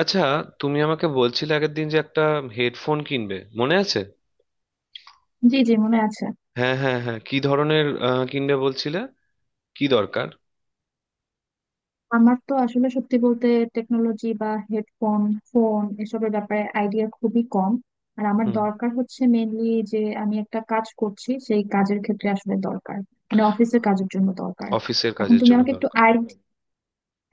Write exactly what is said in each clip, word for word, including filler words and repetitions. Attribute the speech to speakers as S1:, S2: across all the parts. S1: আচ্ছা। তুমি আমাকে বলছিলে আগের দিন যে একটা হেডফোন কিনবে, মনে আছে?
S2: জি জি মনে আছে।
S1: হ্যাঁ হ্যাঁ হ্যাঁ, কি ধরনের আহ, কিনবে বলছিলে? কি দরকার?
S2: আমার তো আসলে সত্যি বলতে টেকনোলজি বা হেডফোন ফোন এসবের ব্যাপারে আইডিয়া খুবই কম। আর আমার
S1: হুম।
S2: দরকার হচ্ছে মেনলি যে আমি একটা কাজ করছি, সেই কাজের ক্ষেত্রে আসলে দরকার। মানে অফিসের কাজের জন্য দরকার।
S1: অফিসের
S2: এখন
S1: কাজের
S2: তুমি
S1: জন্য
S2: আমাকে একটু
S1: দরকার।
S2: আই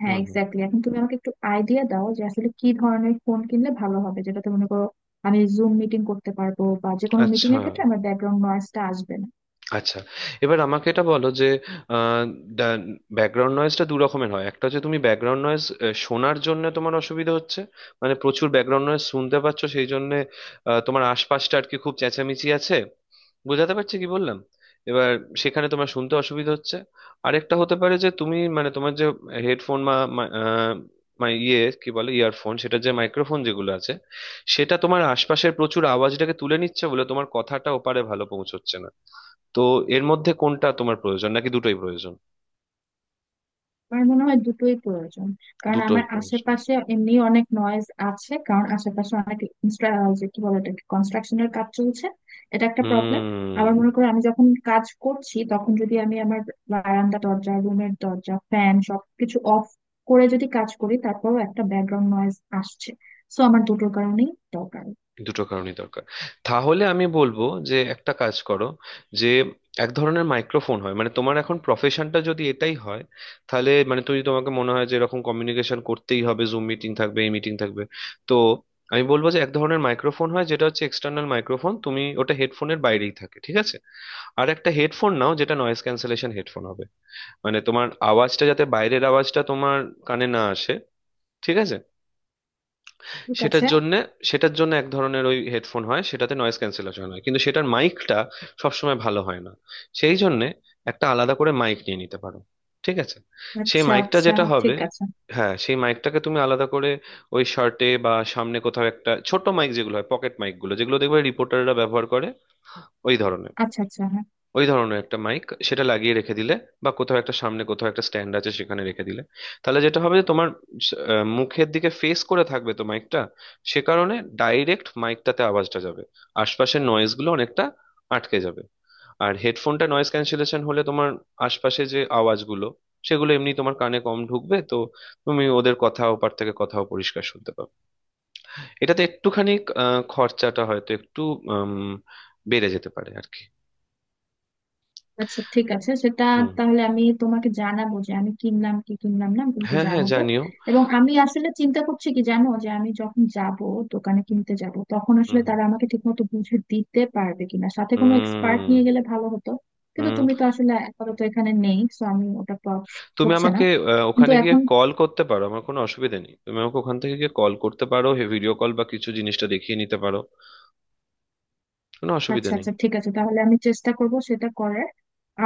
S2: হ্যাঁ,
S1: হুম হুম।
S2: এক্স্যাক্টলি, এখন তুমি আমাকে একটু আইডিয়া দাও যে আসলে কি ধরনের ফোন কিনলে ভালো হবে, যেটাতে মনে করো আমি জুম মিটিং করতে পারবো বা যে কোনো মিটিং
S1: আচ্ছা
S2: এর ক্ষেত্রে আমার ব্যাকগ্রাউন্ড নয়েজটা আসবে না।
S1: আচ্ছা। এবার আমাকে এটা বলো যে ব্যাকগ্রাউন্ড নয়েজটা দু রকমের হয়। একটা হচ্ছে তুমি ব্যাকগ্রাউন্ড নয়েজ শোনার জন্য তোমার অসুবিধা হচ্ছে, মানে প্রচুর ব্যাকগ্রাউন্ড নয়েজ শুনতে পাচ্ছ, সেই জন্য তোমার আশপাশটা আর কি খুব চেঁচামেচি আছে। বোঝাতে পারছি কি বললাম? এবার সেখানে তোমার শুনতে অসুবিধা হচ্ছে। আরেকটা হতে পারে যে তুমি মানে তোমার যে হেডফোন বা মা- আহ, মানে ইয়ে কি বলে ইয়ারফোন, সেটা যে মাইক্রোফোন যেগুলো আছে সেটা তোমার আশপাশের প্রচুর আওয়াজটাকে তুলে নিচ্ছে বলে তোমার কথাটা ওপারে ভালো পৌঁছচ্ছে না। তো এর মধ্যে কোনটা তোমার প্রয়োজন নাকি দুটোই প্রয়োজন?
S2: আমার মনে হয় দুটোই প্রয়োজন। কারণ
S1: দুটোই
S2: আমার
S1: প্রয়োজন।
S2: আশেপাশে এমনি অনেক নয়েজ আছে, কারণ আশেপাশে অনেক ইনস্ট্রা- যে কি বলে এটাকে, কনস্ট্রাকশনের কাজ চলছে। এটা একটা প্রবলেম।
S1: হুম।
S2: আবার মনে করো আমি যখন কাজ করছি, তখন যদি আমি আমার বারান্দা, দরজা, রুমের দরজা, ফ্যান সবকিছু অফ করে যদি কাজ করি, তারপরেও একটা ব্যাকগ্রাউন্ড নয়েজ আসছে। সো আমার দুটোর কারণেই দরকার।
S1: দুটো কারণই দরকার। তাহলে আমি বলবো যে একটা কাজ করো, যে এক ধরনের মাইক্রোফোন হয়, মানে তোমার এখন প্রফেশনটা যদি এটাই হয় তাহলে মানে তুমি তোমাকে মনে হয় যে এরকম কমিউনিকেশন করতেই হবে, জুম মিটিং থাকবে, এই মিটিং থাকবে। তো আমি বলবো যে এক ধরনের মাইক্রোফোন হয় যেটা হচ্ছে এক্সটার্নাল মাইক্রোফোন, তুমি ওটা হেডফোনের বাইরেই থাকে, ঠিক আছে? আর একটা হেডফোন নাও যেটা নয়েজ ক্যান্সেলেশন হেডফোন, মানে তোমার আওয়াজটা যাতে বাইরের আওয়াজটা তোমার কানে না আসে, ঠিক আছে?
S2: ঠিক
S1: সেটার
S2: আছে।
S1: জন্য, সেটার জন্য এক ধরনের ওই হেডফোন হয়, সেটাতে নয়েজ ক্যান্সেলেশন হয় কিন্তু সেটার মাইকটা সবসময় ভালো হয় না, সেই জন্য একটা আলাদা করে মাইক নিয়ে নিতে পারো। ঠিক আছে। সেই
S2: আচ্ছা
S1: মাইকটা
S2: আচ্ছা
S1: যেটা হবে,
S2: ঠিক আছে।
S1: হ্যাঁ সেই মাইকটাকে তুমি আলাদা করে ওই শার্টে বা সামনে কোথাও একটা ছোট মাইক, যেগুলো হয় পকেট মাইকগুলো যেগুলো দেখবে রিপোর্টাররা ব্যবহার করে, ওই ধরনের,
S2: আচ্ছা আচ্ছা হ্যাঁ।
S1: ওই ধরনের একটা মাইক সেটা লাগিয়ে রেখে দিলে বা কোথাও একটা সামনে কোথাও একটা স্ট্যান্ড আছে সেখানে রেখে দিলে, তাহলে যেটা হবে যে তোমার আহ, মুখের দিকে ফেস করে থাকবে তো মাইকটা। সে কারণে ডাইরেক্ট মাইকটাতে আওয়াজটা যাবে, আশপাশের নয়েজ গুলো অনেকটা আটকে যাবে। আর হেডফোনটা নয়েজ ক্যান্সেলেশন হলে তোমার আশপাশে যে আওয়াজগুলো, সেগুলো এমনি তোমার কানে কম ঢুকবে তো, তুমি ওদের কথা ওপার থেকে কথাও পরিষ্কার শুনতে পাবে। এটাতে একটুখানি আহ, খরচাটা হয়তো একটু উম, বেড়ে যেতে পারে আর কি।
S2: আচ্ছা ঠিক আছে সেটা।
S1: হুম।
S2: তাহলে আমি তোমাকে জানাবো যে আমি কিনলাম কি কিনলাম না, আমি তোমাকে
S1: হ্যাঁ হ্যাঁ,
S2: জানাবো।
S1: জানিও।
S2: এবং আমি আসলে চিন্তা করছি কি জানো, যে আমি যখন যাব দোকানে কিনতে যাব, তখন আসলে
S1: হুম
S2: তারা আমাকে ঠিকমতো বুঝে দিতে পারবে কিনা। সাথে কোনো এক্সপার্ট
S1: হুম
S2: নিয়ে গেলে ভালো হতো। কিন্তু
S1: হুম।
S2: তুমি তো আসলে আপাতত এখানে নেই, সো আমি ওটা পাওয়া
S1: তুমি
S2: হচ্ছে না।
S1: আমাকে আহ,
S2: কিন্তু
S1: ওখানে গিয়ে
S2: এখন
S1: কল করতে পারো, আমার কোনো অসুবিধা নেই, তুমি আমাকে ওখান থেকে গিয়ে কল করতে পারো, ভিডিও কল বা কিছু জিনিসটা দেখিয়ে নিতে পারো, কোনো অসুবিধা
S2: আচ্ছা
S1: নেই।
S2: আচ্ছা ঠিক আছে, তাহলে আমি চেষ্টা করব সেটা করার।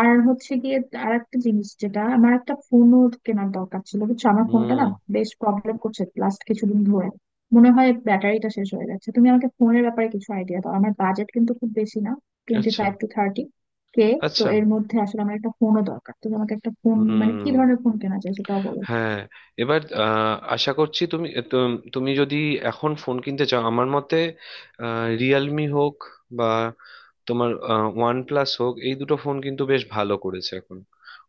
S2: আর হচ্ছে গিয়ে, আর একটা জিনিস যেটা, আমার একটা ফোনও কেনার দরকার ছিল। বুঝছো আমার ফোনটা
S1: হুম।
S2: না বেশ প্রবলেম করছে লাস্ট কিছুদিন ধরে। মনে হয় ব্যাটারিটা শেষ হয়ে যাচ্ছে। তুমি আমাকে ফোনের ব্যাপারে কিছু আইডিয়া দাও, আমার বাজেট কিন্তু খুব বেশি না। টোয়েন্টি
S1: আচ্ছা
S2: ফাইভ টু থার্টি কে। তো
S1: আচ্ছা।
S2: এর মধ্যে আসলে আমার একটা ফোনও দরকার, তুমি আমাকে একটা ফোন মানে কি
S1: হুম।
S2: ধরনের ফোন কেনা যায় সেটাও বলো।
S1: হ্যাঁ। এবার আহ, আশা করছি তুমি তু- তুমি যদি এখন ফোন কিনতে চাও, আমার মতে রিয়েলমি হোক বা তোমার ওয়ান প্লাস হোক, এই দুটো ফোন কিন্তু বেশ ভালো করেছে এখন।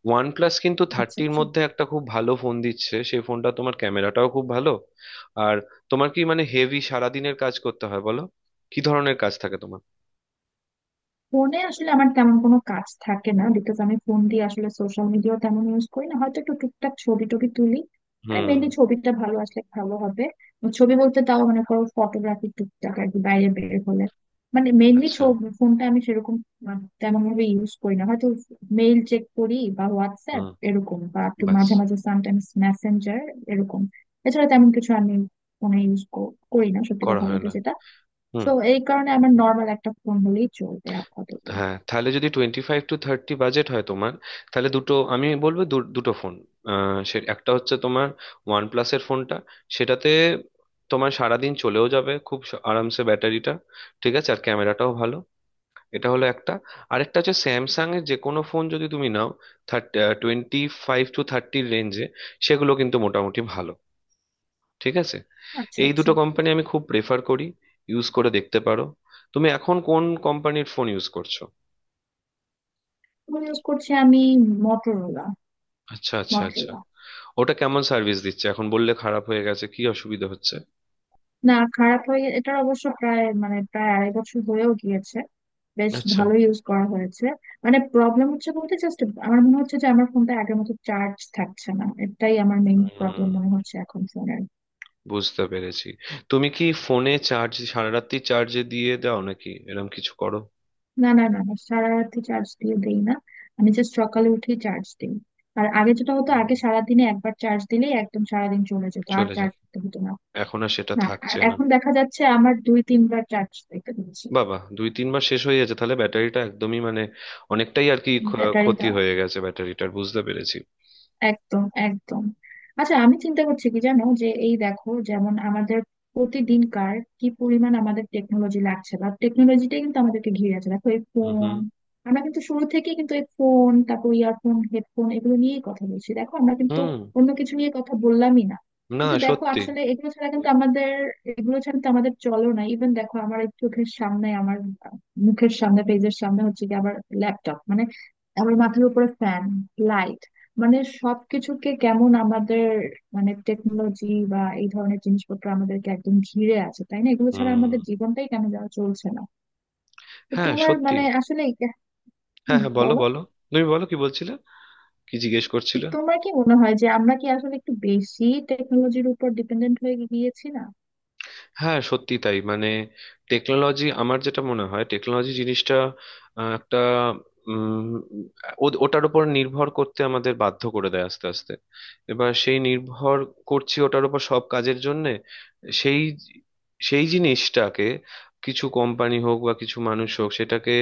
S1: ওয়ান প্লাস কিন্তু
S2: আচ্ছা
S1: থার্টির
S2: আচ্ছা।
S1: মধ্যে একটা খুব ভালো ফোন দিচ্ছে, সেই ফোনটা তোমার ক্যামেরাটাও খুব ভালো। আর তোমার কি মানে হেভি সারাদিনের কাজ করতে হয় বলো, কি ধরনের কাজ থাকে তোমার?
S2: ফোনে আসলে আমার তেমন কোনো কাজ থাকে না, বিকজ আমি ফোন দিয়ে আসলে সোশ্যাল মিডিয়া তেমন ইউজ করি না, হয়তো একটু টুকটাক ছবি টবি তুলি। মানে মেনলি
S1: হুম।
S2: ছবিটা ভালো আসলে ভালো হবে। ছবি বলতে তাও মনে করো ফটোগ্রাফি টুকটাক আর কি, বাইরে বের হলে। মানে মেনলি
S1: আচ্ছা।
S2: ছবি, ফোনটা আমি সেরকম মানে তেমন ভাবে ইউজ করি না হয়তো। মেইল চেক করি বা হোয়াটসঅ্যাপ
S1: হুম।
S2: এরকম, বা একটু
S1: ব্যাস।
S2: মাঝে মাঝে সামটাইমস মেসেঞ্জার এরকম। এছাড়া তেমন কিছু আমি ফোনে ইউজ করি না সত্যি
S1: করা
S2: কথা
S1: হয়
S2: বলতে,
S1: না।
S2: যেটা।
S1: হুম।
S2: তো এই কারণে আমার নর্মাল একটা ফোন হলেই চলবে আপাতত।
S1: হ্যাঁ, তাহলে যদি twenty five to thirty budget হয় তোমার, তাহলে দুটো আমি বলবো দু- দুটো ফোন। সে একটা হচ্ছে তোমার ওয়ান প্লাসের ফোনটা, সেটাতে তোমার সারাদিন চলেও যাবে খুব স- আরামসে ব্যাটারিটা, ঠিক আছে, আর ক্যামেরাটাও ভালো। এটা হলো একটা। আরেকটা হচ্ছে স্যামসাং এর যে কোনো ফোন যদি তুমি নাও, থার্টি, টোয়েন্টি ফাইভ টু থার্টির রেঞ্জে, সেগুলো কিন্তু মোটামুটি ভালো, ঠিক আছে।
S2: আচ্ছা
S1: এই
S2: আচ্ছা।
S1: দুটো কোম্পানি আমি খুব প্রেফার করি, ইউজ করে দেখতে পারো। তুমি এখন কোন কোম্পানির ফোন ইউজ করছো?
S2: ফোন ইউজ করছি আমি মটোরোলা।
S1: আচ্ছা আচ্ছা আচ্ছা।
S2: মটোরোলা।
S1: ওটা কেমন সার্ভিস দিচ্ছে এখন, বললে খারাপ হয়ে গেছে, কি অসুবিধা হচ্ছে?
S2: না, খারাপ হয়ে, এটার অবশ্য প্রায় মানে প্রায় আড়াই বছর হয়েও গিয়েছে, বেশ
S1: আচ্ছা।
S2: ভালো ইউজ করা হয়েছে। মানে প্রবলেম হচ্ছে বলতে জাস্ট আমার মনে হচ্ছে যে আমার ফোনটা আগের মতো চার্জ থাকছে না, এটাই আমার মেইন প্রবলেম
S1: হুম।
S2: মনে হচ্ছে এখন ফোনের।
S1: বুঝতে পেরেছি। তুমি কি ফোনে চার্জ সারা রাত্রি চার্জে দিয়ে দাও নাকি এরকম কিছু করো?
S2: না না না না, সারা রাত্রি চার্জ দিয়ে দেই না। আমি জাস্ট সকালে উঠে চার্জ দিই। আর আগে যেটা হতো,
S1: হুম,
S2: আগে সারাদিনে একবার চার্জ দিলেই একদম সারাদিন চলে যেত, আর
S1: চলে যায়।
S2: চার্জ দিতে হতো না।
S1: এখন আর সেটা
S2: না, আর
S1: থাকছে না।
S2: এখন দেখা যাচ্ছে আমার দুই তিনবার চার্জ দিতে হচ্ছে।
S1: বাবা, দুই তিন মাস শেষ হয়ে গেছে তাহলে, ব্যাটারিটা একদমই মানে অনেকটাই আর কি ক্ষ-
S2: ব্যাটারি
S1: ক্ষতি
S2: দাও।
S1: হয়ে গেছে ব্যাটারিটার, বুঝতে পেরেছি।
S2: একদম, একদম। আচ্ছা, আমি চিন্তা করছি কি জানো, যে এই দেখো যেমন আমাদের প্রতিদিনকার কি পরিমাণ আমাদের টেকনোলজি লাগছে, বা টেকনোলজিটাই কিন্তু আমাদেরকে ঘিরে আছে। দেখো এই
S1: হুম হুম
S2: ফোন, আমরা কিন্তু শুরু থেকে কিন্তু এই ফোন, তারপর ইয়ারফোন, হেডফোন এগুলো নিয়েই কথা বলছি। দেখো আমরা কিন্তু
S1: হুম।
S2: অন্য কিছু নিয়ে কথা বললামই না।
S1: না
S2: কিন্তু দেখো
S1: সত্যি।
S2: আসলে এগুলো ছাড়া কিন্তু আমাদের, এগুলো ছাড়া কিন্তু আমাদের চলো না। ইভেন দেখো আমার এই চোখের সামনে আমার, আহ, মুখের সামনে, পেজের সামনে হচ্ছে কি, আবার ল্যাপটপ, মানে আমার মাথার উপরে ফ্যান, লাইট, মানে সবকিছুকে কেমন আমাদের মানে টেকনোলজি বা এই ধরনের জিনিসপত্র আমাদেরকে একদম ঘিরে আছে, তাই না? এগুলো ছাড়া
S1: হুম।
S2: আমাদের জীবনটাই কেন যাওয়া চলছে না। তো
S1: হ্যাঁ
S2: তোমার
S1: সত্যি।
S2: মানে আসলে,
S1: হ্যাঁ
S2: হুম
S1: হ্যাঁ, বলো
S2: বলো,
S1: বলো। তুমি বলো কি বলছিলে, কি জিজ্ঞেস
S2: তো
S1: করছিলে?
S2: তোমার কি মনে হয় যে আমরা কি আসলে একটু বেশি টেকনোলজির উপর ডিপেন্ডেন্ট হয়ে গিয়েছি না?
S1: হ্যাঁ সত্যি তাই, মানে টেকনোলজি, আমার যেটা মনে হয় টেকনোলজি জিনিসটা আহ, একটা উম, ও- ওটার উপর নির্ভর করতে আমাদের বাধ্য করে দেয় আস্তে আস্তে। এবার সেই নির্ভর করছি ওটার উপর সব কাজের জন্যে, সেই সেই জিনিসটাকে কিছু কোম্পানি হোক বা কিছু মানুষ হোক সেটাকে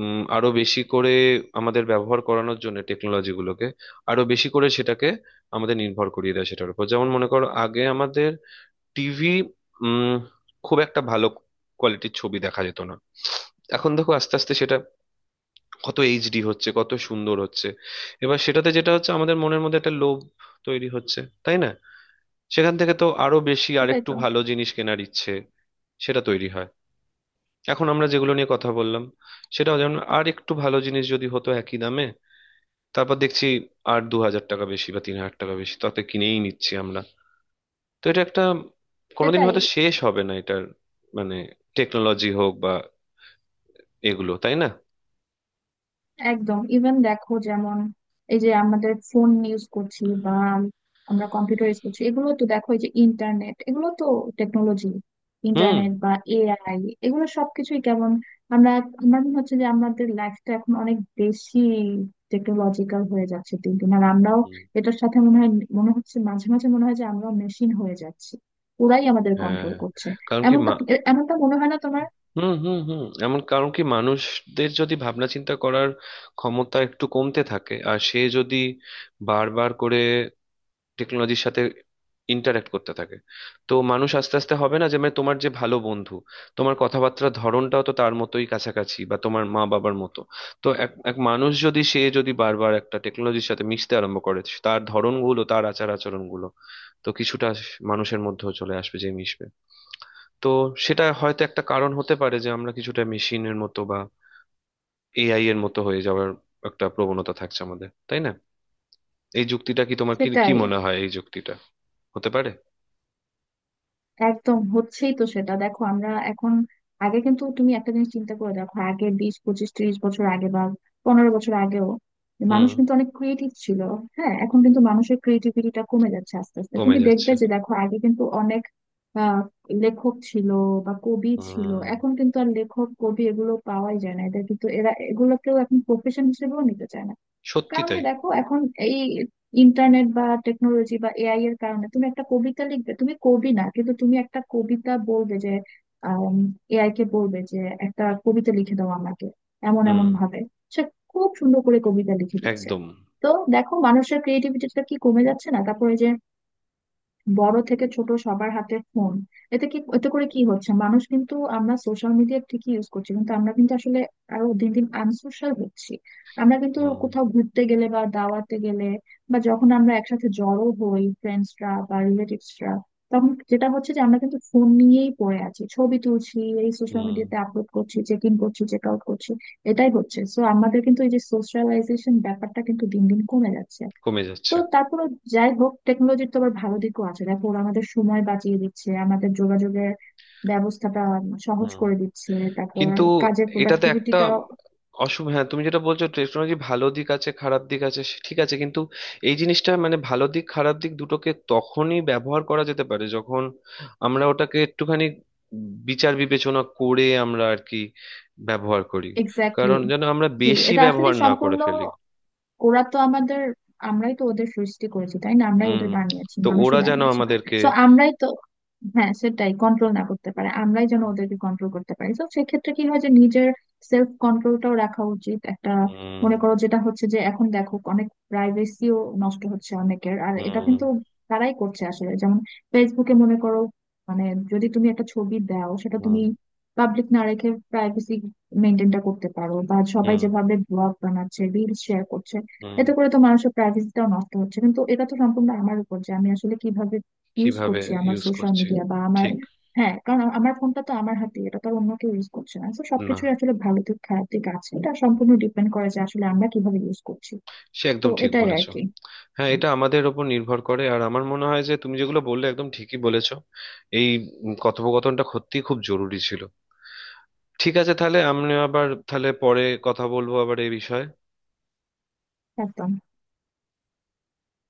S1: উম, আরো বেশি করে আমাদের ব্যবহার করানোর জন্য টেকনোলজি গুলোকে আরো বেশি করে সেটাকে আমাদের নির্ভর করিয়ে দেয় সেটার উপর। যেমন মনে করো আগে আমাদের টিভি উম খুব একটা ভালো কোয়ালিটির ছবি দেখা যেত না, এখন দেখো আস্তে আস্তে সেটা কত এইচডি হচ্ছে, কত সুন্দর হচ্ছে। এবার সেটাতে যেটা হচ্ছে আমাদের মনের মধ্যে একটা লোভ তৈরি হচ্ছে, তাই না? সেখান থেকে তো আরো বেশি
S2: সেটাই
S1: আরেকটু
S2: তো।
S1: ভালো জিনিস কেনার ইচ্ছে সেটা তৈরি হয়। এখন আমরা যেগুলো নিয়ে কথা বললাম, সেটাও যেমন আর একটু ভালো জিনিস যদি হতো একই দামে, তারপর দেখছি আর দু হাজার টাকা বেশি বা তিন হাজার টাকা বেশি, তাতে কিনেই নিচ্ছি আমরা। তো এটা একটা, কোনোদিন
S2: সেটাই,
S1: হয়তো শেষ হবে না এটার, মানে টেকনোলজি হোক বা এগুলো, তাই না?
S2: একদম। ইভেন দেখো যেমন এই যে আমাদের ফোন ইউজ করছি বা আমরা কম্পিউটার ইউজ করছি, এগুলো তো দেখো, এই যে ইন্টারনেট, এগুলো তো টেকনোলজি,
S1: হুম।
S2: ইন্টারনেট বা এআই, এগুলো সবকিছুই কেমন, আমরা, আমার মনে হচ্ছে যে আমাদের লাইফটা এখন অনেক বেশি টেকনোলজিক্যাল হয়ে যাচ্ছে দিন দিন, আর আমরাও
S1: হুম,
S2: এটার সাথে মনে হয়, মনে হচ্ছে মাঝে মাঝে মনে হয় যে আমরাও মেশিন হয়ে যাচ্ছি, ওরাই আমাদের
S1: হ্যাঁ।
S2: কন্ট্রোল করছে।
S1: কারণ কি
S2: এমনটা
S1: মা।
S2: এমনটা মনে হয় না তোমার?
S1: হুম হুম হুম, এমন। কারণ কি, মানুষদের যদি ভাবনা চিন্তা করার ক্ষমতা একটু কমতে থাকে আর সে যদি বারবার করে টেকনোলজির সাথে ইন্টারাক্ট করতে থাকে, তো মানুষ আস্তে আস্তে হবে না যে, মানে তোমার যে ভালো বন্ধু, তোমার কথাবার্তার ধরনটাও তো তার মতোই কাছাকাছি বা তোমার মা বাবার মতো। তো এক এক মানুষ যদি সে যদি বারবার একটা টেকনোলজির সাথে মিশতে আরম্ভ করে, তার ধরনগুলো তার আচার আচরণগুলো তো কিছুটা মানুষের মধ্যেও চলে আসবে যে মিশবে। তো সেটা হয়তো একটা কারণ হতে পারে যে আমরা কিছুটা মেশিনের মতো বা এআই এর মতো হয়ে যাওয়ার একটা প্রবণতা থাকছে আমাদের, তাই না? এই যুক্তিটা, কি তোমার কি কি
S2: সেটাই।
S1: মনে হয় এই যুক্তিটা হতে পারে?
S2: একদম হচ্ছেই তো সেটা। দেখো আমরা এখন, আগে কিন্তু, তুমি একটা জিনিস চিন্তা করে দেখো, আগে বিশ পঁচিশ ত্রিশ বছর আগে বা পনেরো বছর আগেও
S1: হুম।
S2: মানুষ কিন্তু অনেক ক্রিয়েটিভ ছিল। হ্যাঁ, এখন কিন্তু মানুষের ক্রিয়েটিভিটিটা কমে যাচ্ছে আস্তে আস্তে,
S1: কমে
S2: তুমি দেখবে
S1: যাচ্ছে।
S2: যে, দেখো আগে কিন্তু অনেক আহ লেখক ছিল বা কবি ছিল,
S1: হুম,
S2: এখন কিন্তু আর লেখক কবি এগুলো পাওয়াই যায় না, এদের কিন্তু, এরা এগুলোকেও এখন প্রফেশন হিসেবেও নিতে চায় না।
S1: সত্যি
S2: কারণ কি,
S1: তাই।
S2: দেখো এখন এই ইন্টারনেট বা টেকনোলজি বা এআই এর কারণে তুমি একটা কবিতা লিখবে, তুমি কবি না কিন্তু, তুমি একটা কবিতা বলবে যে, এআই কে বলবে যে একটা কবিতা লিখে দাও আমাকে এমন
S1: হুম।
S2: এমন ভাবে, সে খুব সুন্দর করে কবিতা লিখে দিচ্ছে।
S1: একদম।
S2: তো দেখো মানুষের ক্রিয়েটিভিটিটা কি কমে যাচ্ছে না? তারপরে যে বড় থেকে ছোট সবার হাতে ফোন, এতে কি, এতে করে কি হচ্ছে, মানুষ কিন্তু, আমরা সোশ্যাল মিডিয়া ঠিকই ইউজ করছি, কিন্তু আমরা কিন্তু আসলে আরো দিন দিন আনসোশ্যাল হচ্ছি। আমরা কিন্তু
S1: হুম
S2: কোথাও ঘুরতে গেলে বা দাওয়াতে গেলে, বা যখন আমরা একসাথে জড়ো হই ফ্রেন্ডসরা বা রিলেটিভসরা, তখন যেটা হচ্ছে যে আমরা কিন্তু ফোন নিয়েই পড়ে আছি, ছবি তুলছি, এই সোশ্যাল
S1: হুম।
S2: মিডিয়াতে আপলোড করছি, চেক ইন করছি, চেক আউট করছি, এটাই হচ্ছে। সো আমাদের কিন্তু এই যে সোশ্যালাইজেশন ব্যাপারটা কিন্তু দিন দিন কমে যাচ্ছে।
S1: কমে
S2: তো
S1: যাচ্ছে।
S2: তারপরে, যাই হোক, টেকনোলজির তো আবার ভালো দিকও আছে। দেখো ওরা আমাদের সময় বাঁচিয়ে দিচ্ছে, আমাদের যোগাযোগের ব্যবস্থাটা সহজ
S1: হুম।
S2: করে দিচ্ছে। তারপর
S1: কিন্তু
S2: কাজের
S1: এটাতে একটা
S2: প্রোডাক্টিভিটিটা।
S1: অসুবিধা, হ্যাঁ তুমি যেটা বলছো টেকনোলজি ভালো দিক আছে খারাপ দিক আছে, সে ঠিক আছে, কিন্তু এই জিনিসটা মানে ভালো দিক খারাপ দিক দুটোকে তখনই ব্যবহার করা যেতে পারে যখন আমরা ওটাকে একটুখানি বিচার বিবেচনা করে আমরা আর কি ব্যবহার করি।
S2: এক্স্যাক্টলি।
S1: কারণ যেন আমরা
S2: জি,
S1: বেশি
S2: এটা আসলে
S1: ব্যবহার না করে
S2: সম্পূর্ণ,
S1: ফেলি।
S2: ওরা তো আমাদের, আমরাই তো ওদের সৃষ্টি করেছি তাই না, আমরাই
S1: হুম।
S2: ওদের বানিয়েছি,
S1: তো ওরা
S2: মানুষই
S1: যেন
S2: বানিয়েছে।
S1: আমাদেরকে,
S2: তো আমরাই তো, হ্যাঁ সেটাই, কন্ট্রোল না করতে পারে, আমরাই যেন ওদেরকে কন্ট্রোল করতে পারি। তো সেক্ষেত্রে কি হয় যে নিজের সেলফ কন্ট্রোলটাও রাখা উচিত একটা।
S1: হুম
S2: মনে করো যেটা হচ্ছে যে এখন দেখো অনেক প্রাইভেসিও নষ্ট হচ্ছে অনেকের, আর এটা
S1: হুম
S2: কিন্তু তারাই করছে আসলে। যেমন ফেসবুকে মনে করো, মানে যদি তুমি একটা ছবি দাও, সেটা তুমি
S1: হুম
S2: পাবলিক না রেখে প্রাইভেসি মেনটেনটা করতে পারো। বা সবাই
S1: হুম
S2: যেভাবে ব্লগ বানাচ্ছে, রিলস শেয়ার করছে,
S1: হুম,
S2: এতে করে তো মানুষের প্রাইভেসিটাও নষ্ট হচ্ছে। কিন্তু এটা তো সম্পূর্ণ আমার উপর যে আমি আসলে কিভাবে ইউজ
S1: কিভাবে
S2: করছি আমার
S1: ইউজ
S2: সোশ্যাল
S1: করছি,
S2: মিডিয়া বা আমার।
S1: ঠিক।
S2: হ্যাঁ কারণ আ- আমার ফোনটা তো আমার হাতে, এটা তো আর অন্য কেউ ইউজ করছে না। তো
S1: না,
S2: সবকিছুই আসলে ভালো দিক খারাপ দিক আছে, এটা সম্পূর্ণ ডিপেন্ড করে যে আসলে আমরা কিভাবে ইউজ করছি।
S1: সে
S2: তো
S1: একদম ঠিক
S2: এটাই আর
S1: বলেছো।
S2: কি।
S1: হ্যাঁ, এটা আমাদের ওপর নির্ভর করে, আর আমার মনে হয় যে তুমি যেগুলো বললে একদম ঠিকই বলেছো। এই উম, কথোপকথনটা সত্যি খুব জরুরি ছিল। ঠিক আছে, তাহলে আমরা আবার তাহলে পরে কথা বলবো আবার এই বিষয়ে।
S2: একদম।